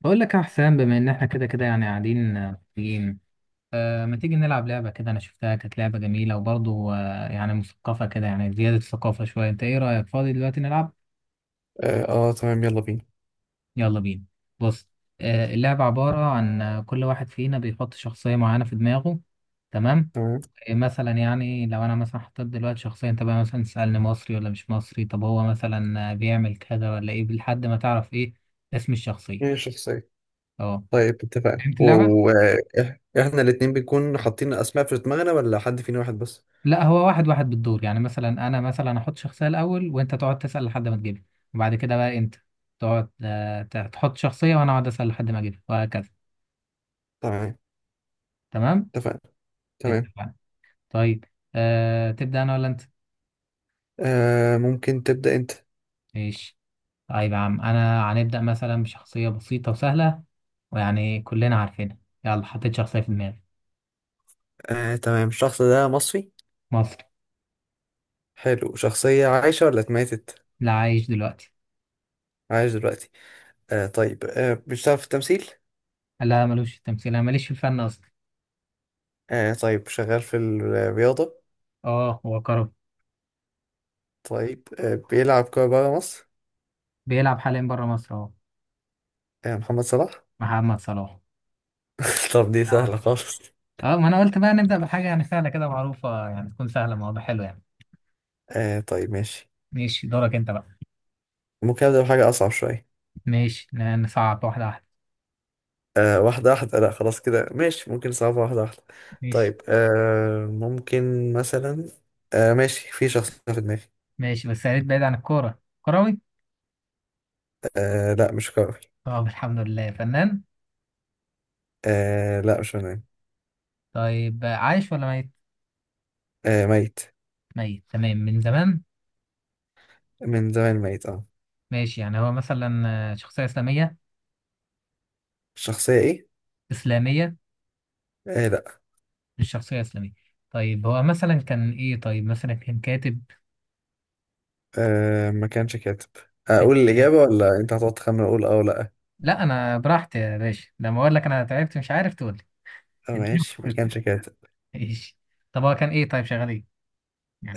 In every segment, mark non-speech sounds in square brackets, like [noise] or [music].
بقول لك يا حسام بما ان احنا كده كده يعني قاعدين، آه، مبسوطين. ما تيجي نلعب لعبة كده. انا شفتها كانت لعبة جميلة وبرضه يعني مثقفة كده، يعني زيادة ثقافة شوية. انت ايه رأيك فاضي دلوقتي نلعب؟ اه تمام، يلا بينا. يلا بينا. بص، اللعبة عبارة عن كل واحد فينا بيحط شخصية معينة في دماغه. تمام. تمام. مثلا يعني لو انا مثلا حطيت دلوقتي شخصية، انت بقى مثلا تسألني مصري ولا مش مصري، طب هو مثلا بيعمل كذا ولا ايه، لحد ما تعرف ايه اسم الشخصية. مين الشخصية؟ اه، طيب، اتفقنا. فهمت اللعبة. واحنا الاتنين بنكون حاطين اسماء في دماغنا ولا حد فينا واحد بس؟ لا، هو واحد واحد بالدور، يعني مثلا انا مثلا احط شخصيه الاول وانت تقعد تسال لحد ما تجيبها، وبعد كده بقى انت تقعد تحط شخصيه وانا اقعد اسال لحد ما اجيبها، وهكذا. تمام. تمام، اتفقنا. تمام. اتفقنا. طيب، أه تبدا انا ولا انت؟ ممكن تبدأ انت. ماشي. طيب يا عم انا هنبدا مثلا بشخصيه بسيطه وسهله، ويعني كلنا عارفينها. يلا، حطيت شخصيه في دماغي. تمام، الشخص ده مصري؟ مصري. حلو، شخصية عايشة ولا اتماتت؟ لا، عايش دلوقتي. عايش دلوقتي. بيشتغل في التمثيل؟ لا ملوش في التمثيل، انا ماليش في الفن اصلا. طيب، شغال في الرياضة؟ اه، هو كرم. طيب، بيلعب كورة برا مصر؟ بيلعب حاليا بره مصر اهو. آه، محمد صلاح. محمد صلاح. [laughs] طب دي لا. سهلة خالص. اه، ما انا قلت بقى نبدأ بحاجة يعني سهلة كده، معروفة يعني، تكون سهلة، الموضوع حلو يعني. طيب، ماشي. ماشي، دورك انت بقى. ممكن أبدأ بحاجة أصعب شوية. ماشي، نصعب واحدة واحدة. آه، واحدة واحدة، لا خلاص كده ماشي، ممكن صعبة واحدة واحدة. ماشي طيب، ممكن مثلا. ماشي، في شخص في دماغي. ماشي، بس يا ريت بعيد عن الكورة. كروي. آه، لا مش كروي. طب الحمد لله، فنان. آه، لا مش فنان. طيب عايش ولا ميت؟ آه، ميت. ميت تمام، من زمان. من زمان ميت، اه. ماشي، يعني هو مثلا شخصية إسلامية. الشخصية ايه؟ إسلامية. آه، لا. مش شخصية إسلامية. طيب هو مثلا كان إيه؟ طيب مثلا كان كاتب. ما كانش كاتب. كان أقول يعني، الإجابة ولا أنت هتقعد تخمن أقول أه ولا لأ؟ لا أنا براحتي يا باشا، لما أقول لك أنا تعبت مش عارف تقول لي. [laughs] اديني ماشي، ما فرصتي. كانش كاتب. ماشي. طب هو كان إيه؟ طيب شغال إيه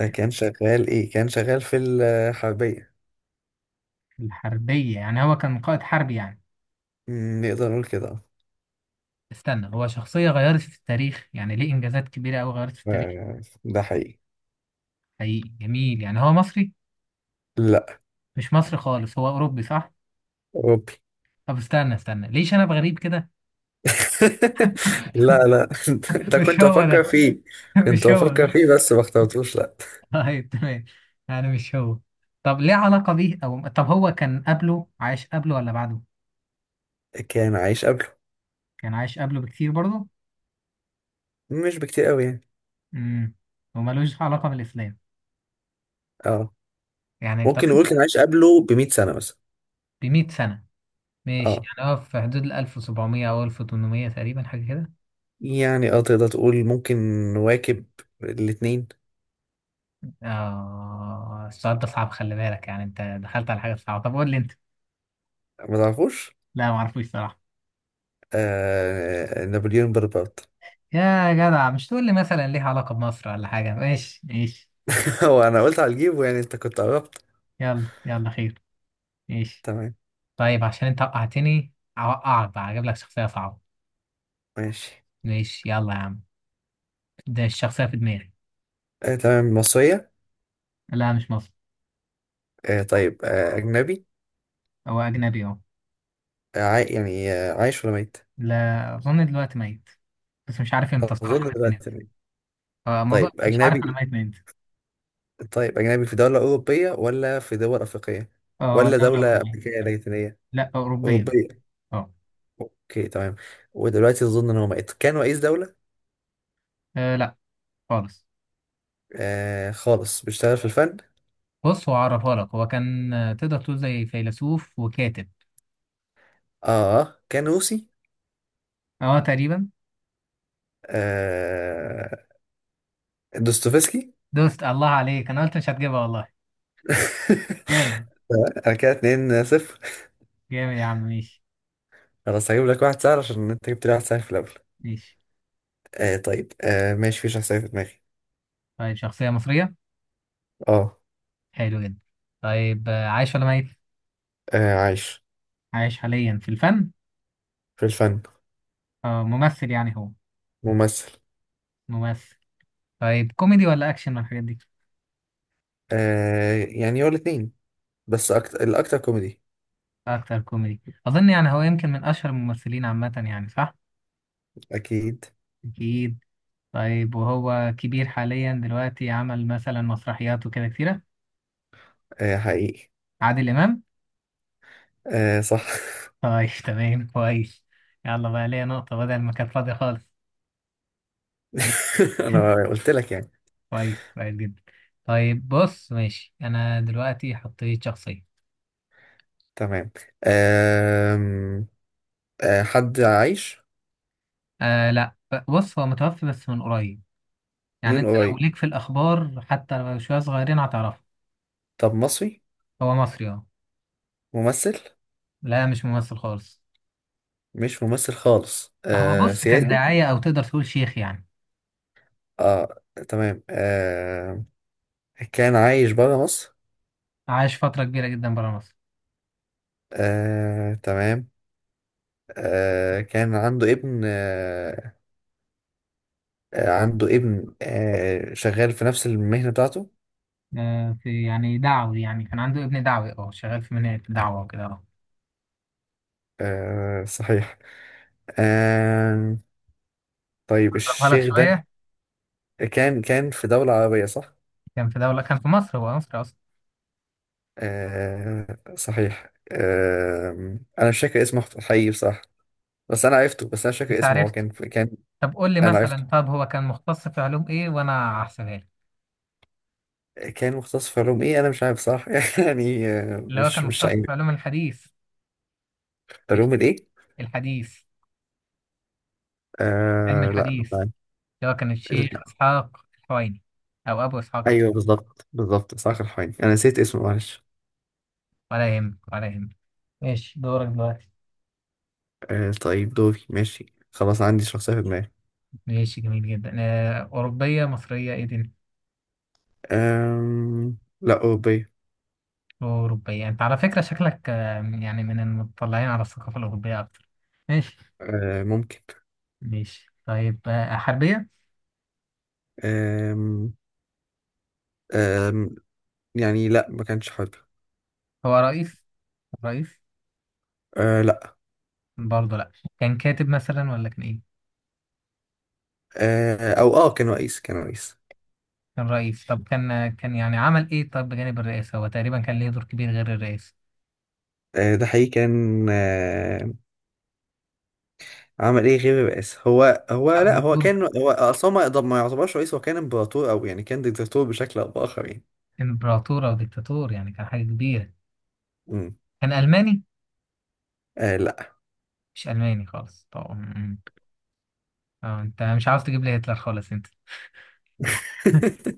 كان شغال إيه؟ كان شغال في الحربية. الحربية، يعني هو كان قائد حربي يعني. نقدر نقول كده. استنى، هو شخصية غيرت في التاريخ يعني، ليه إنجازات كبيرة أوي غيرت في التاريخ. آه، ده حقيقي. حقيقي، جميل. يعني هو مصري؟ لا، مش مصري خالص، هو أوروبي صح؟ أوروبي. طب استنى استنى، ليش أنا بغريب كده؟ لا، لا. [laughs] [laughs] ده مش كنت هو بفكر ده. فيه. [laughs] كنت مش هو بفكر ده. فيه بس ما اخترتوش، لا. طيب تمام، يعني مش هو. طب ليه علاقة بيه، أو طب هو كان قبله، عايش قبله ولا بعده؟ كان عايش قبله. كان عايش قبله بكتير برضه؟ مش بكتير قوي يعني. امم. وملوش علاقة بالإسلام، اه، يعني طب ممكن أنت، نقول كان عايش قبله ب 100 سنة مثلا. ب 100 سنة ماشي، اه، يعني هو في حدود ال 1700 أو 1800 تقريبا، حاجة كده. يعني اه تقدر تقول ممكن نواكب الاتنين. السؤال ده صعب، خلي بالك، يعني انت دخلت على حاجة صعبة. طب قول لي انت. ما تعرفوش. لا ما اعرفوش صراحة. آه، نابليون بونابرت. يا جدع، مش تقول لي مثلا ليها علاقة بمصر ولا حاجة. ماشي ماشي. [laughs] هو انا قلت على الجيب، يعني انت كنت قربت. يلا يلا خير. ماشي. تمام. طيب عشان انت وقعتني اوقعك بقى، اجيب لك شخصية صعبة. ماشي. ماشي يلا يا عم. ده الشخصية في دماغي. آه، تمام، مصرية؟ لا مش مصري. طيب، أجنبي. هو أجنبي أهو. يعني، عايش ولا ميت؟ لا اظن دلوقتي ميت، بس مش عارف امتى صراحة أظن مات من دلوقتي امتى. ميت. آه، ما طيب، أظن- مش عارف أنا أجنبي. ميت من إمتى. طيب، أجنبي في دولة أوروبية ولا في دول أفريقية؟ اه هو ولا دولة دولة أوروبية. أمريكية لاتينية؟ لا، أوروبية. أوروبية. أه. أوكي، تمام. ودلوقتي أظن إن هو مات، كان رئيس دولة؟ لا خالص. آه، خالص. بيشتغل في الفن؟ بص، هو عرفها لك. هو كان تقدر تقول زي فيلسوف وكاتب. آه، كان روسي. اه تقريبا. آه، دوستويفسكي. [laughs] دوست الله عليك، انا قلت مش هتجيبها والله. جامد. أنا كده 2 صفر. جامد يا عم، ماشي. خلاص، هجيب لك واحد سهل عشان أنت جبت لي واحد سهل في الأول. ماشي. طيب، ماشي، في شخصية في دماغي. طيب، شخصية مصرية. آه. حلو جدا. طيب عايش ولا ميت؟ آه، عايش. عايش حاليا في الفن. في الفن. اه ممثل يعني هو. ممثل. ممثل. طيب كوميدي ولا اكشن من الحاجات دي؟ آه، يعني هو الاتنين، بس الأكتر كوميدي. اكتر كوميدي، اظن يعني هو يمكن من اشهر الممثلين عامة يعني صح. أكيد. اكيد. طيب وهو كبير حاليا دلوقتي، عمل مثلا مسرحيات وكده كتيرة. آه، حقيقي. عادل امام. آه، صح. طيب تمام، كويس. يلا بقى ليا نقطة بدل ما كانت فاضية خالص. إيه، [laughs] أنا [laughs] قلت لك يعني. كويس كويس جدا. طيب بص، ماشي. أنا دلوقتي حطيت شخصية. تمام. آم، حد عايش. آه لا، بص هو متوفي بس من قريب، يعني من أنت لو قريب. ليك في الأخبار حتى لو شوية صغيرين هتعرفه. طب مصري. هو مصري أه. ممثل. لا مش ممثل خالص. مش ممثل خالص، هو آه بص كان سياسي. داعية، أو تقدر تقول شيخ يعني. اه. تمام. كان عايش برا مصر. عاش فترة كبيرة جدا برا مصر. آه، تمام. كان عنده ابن، آه. آه، عنده ابن، شغال في نفس المهنة بتاعته. آه في يعني دعوي، يعني كان عنده ابن دعوي، أه شغال في منهج دعوة وكده أه. آه، صحيح. آه طيب، أقربها لك الشيخ ده شوية. كان في دولة عربية صح؟ كان في دولة، كان في مصر، هو مصري أصلا. آه، صحيح. آه، أنا مش فاكر اسمه حقيقي بصراحة. بس أنا عرفته، بس أنا مش فاكر انت اسمه، هو عرفته. كان. طب قول لي أنا عرفته. مثلا، طب هو كان مختص في علوم ايه وانا هحسبها لك. كان مختص في علوم إيه؟ أنا مش عارف، صح. [laughs] يعني آه، اللي هو كان مش مختص عارف. في علوم الحديث. إيش؟ علوم الإيه؟ الحديث. علم آه، لا مش الحديث. عارف. اللي هو كان ال- الشيخ اسحاق الحويني، او ابو اسحاق الحويني. أيوه، بالظبط بالظبط، إسحاق الحويني، أنا نسيت اسمه معلش. ولا يهمك ولا يهمك. ماشي، دورك دلوقتي. طيب، دوري ماشي. خلاص، عندي شخصية في دماغي. ماشي، جميل جدا. أوروبية مصرية إيه دي؟ لا، أوروبية. أوروبية. أنت على فكرة شكلك يعني من المطلعين على الثقافة الأوروبية أكتر. ماشي. آه، ممكن. ماشي طيب حربية؟ آم، أم، يعني لا، ما كانش حر. هو رئيس؟ رئيس؟ آه، لا. برضه لا. كان كاتب مثلا، ولا كان ايه؟ آه او اه كان رئيس، كان رئيس. كان رئيس؟ طب كان يعني عمل ايه؟ طب بجانب الرئاسة، هو تقريبا كان ليه دور كبير غير الرئاسة. ده حقيقي، كان، عمل ايه غير الرئاسة؟ هو لا، أو هو دور كان، هو اصلا ما يعتبرش رئيس، هو كان امبراطور او يعني كان ديكتاتور بشكل او باخر يعني. امبراطور او ديكتاتور، يعني كان حاجة كبيرة. مم. كان ألماني؟ آه، لا. مش ألماني خالص. طب م- م. اه انت مش عاوز تجيب لي هتلر خالص انت.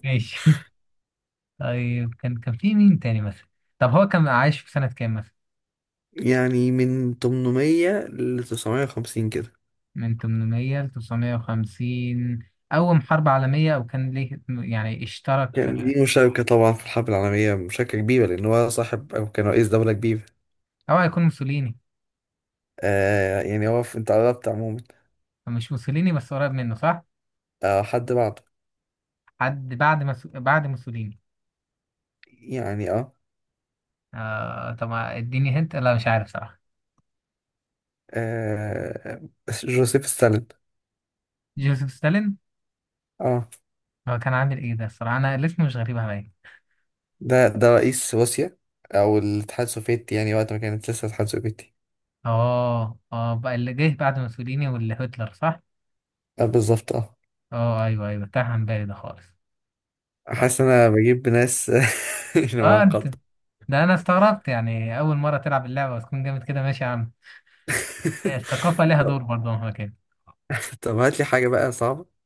ماشي. [laughs] طيب، كان كان في مين تاني مثلا؟ طب هو كان عايش في سنة كام مثلا؟ يعني من 800 ل 950 كده. من 800 ل 950. أول حرب عالمية أو كان ليه يعني اشترك كان ليه مشاركة طبعا في الحرب العالمية، مشاركة كبيرة، لأن هو صاحب أو كان رئيس دولة كبيرة. أو هيكون موسوليني. آه، يعني هو أنت قربت عموما. مش موسوليني، بس قريب منه صح؟ آه، حد بعده. حد بعد بعد موسوليني. يعني، اه. آه طب ما اديني هنت، لا مش عارف صراحة. آه، جوزيف ستالين. جوزيف ستالين. اه. هو كان عامل ايه ده؟ الصراحة انا الاسم مش غريب عليا. ده رئيس روسيا، او الاتحاد السوفيتي، يعني وقت ما كانت لسه الاتحاد السوفيتي. اه اه، بقى اللي جه بعد موسوليني واللي هتلر صح؟ آه، بالظبط، اه. اه ايوه ايوه، تاه عن بالي ده خالص. اه، حاسس ان انا بجيب ناس. [laughs] مش انت، معقدة. ده انا استغربت، يعني اول مرة تلعب اللعبة وتكون جامد كده. ماشي يا عم، [laughs] الثقافة لها طب دور برضه مهما كان. طب هات لي حاجة بقى صعبة.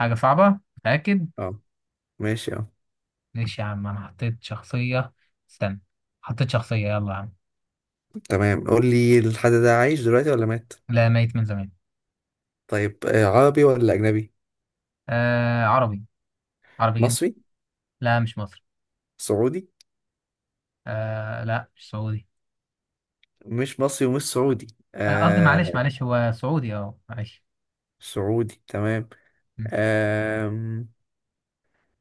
حاجة صعبة؟ متأكد. اه، ماشي، اه. ماشي يا عم، انا حطيت شخصية. استنى. حطيت شخصية، يلا يا عم. تمام، قول لي، الحد ده عايش دلوقتي ولا مات؟ لا، ميت من زمان. طيب، عربي ولا اجنبي؟ آه عربي. عربي. مصري. لا مش مصري. سعودي؟ آه لا مش سعودي. مش مصري ومش سعودي. قصدي، معلش آه، معلش، هو سعودي اه، معلش. سعودي تمام. م. آه.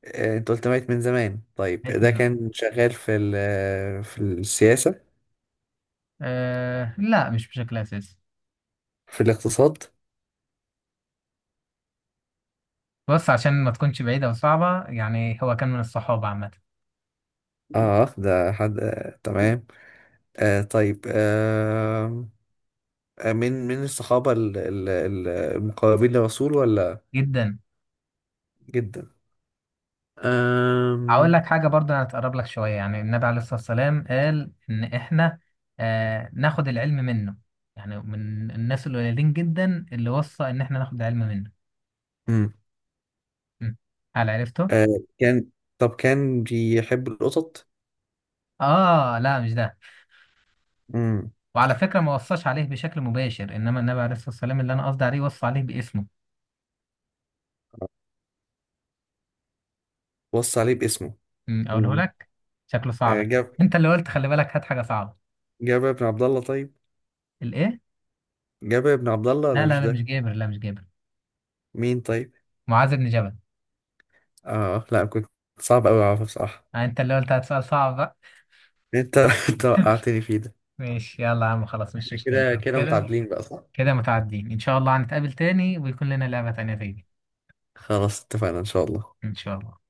آه، انت قلت ميت من زمان، طيب لقيت من ده زمان. كان شغال في في السياسة؟ آه لا، مش بشكل أساسي. في الاقتصاد؟ بص، عشان ما تكونش بعيدة وصعبة، يعني هو كان من الصحابة عامة. اه، ده حد، آه، تمام. طيب، آه. آه، من الصحابة، المقربين للرسول ولا؟ جدا. جدا. أقول آم، لك حاجة برضه هتقرب لك شوية. يعني النبي عليه الصلاة والسلام قال إن إحنا ناخد العلم منه، يعني من الناس القليلين جدا اللي وصى إن إحنا ناخد العلم منه. مم. م. هل عرفته؟ آه كان. طب كان بيحب القطط؟ آه لا مش ده. مم. وعلى فكرة، ما وصاش عليه بشكل مباشر، إنما النبي عليه الصلاة والسلام اللي أنا قصدي عليه وصى عليه باسمه. وصى عليه باسمه. أقوله مم. لك. شكله صعب آه ده. جاب أنت اللي قلت خلي بالك هات حاجة صعبة. جابر بن عبد الله؟ طيب، الإيه؟ جابر بن عبد الله لا ولا لا مش لا، مش ده؟ جابر، لا مش جابر. مين طيب؟ معاذ بن جبل. اه، لا، كنت. صعب قوي اعرفه بصراحة. أنت اللي قلت هات سؤال صعب بقى. انت [laughs] انت وقعتني فيه ده. ماشي يلا يا عم، خلاص مش مشكلة. كده كده كده متعادلين بقى، صح. كده متعدين إن شاء الله، هنتقابل تاني ويكون لنا لعبة تانية تاني. خلاص، اتفقنا ان شاء الله. إن شاء الله.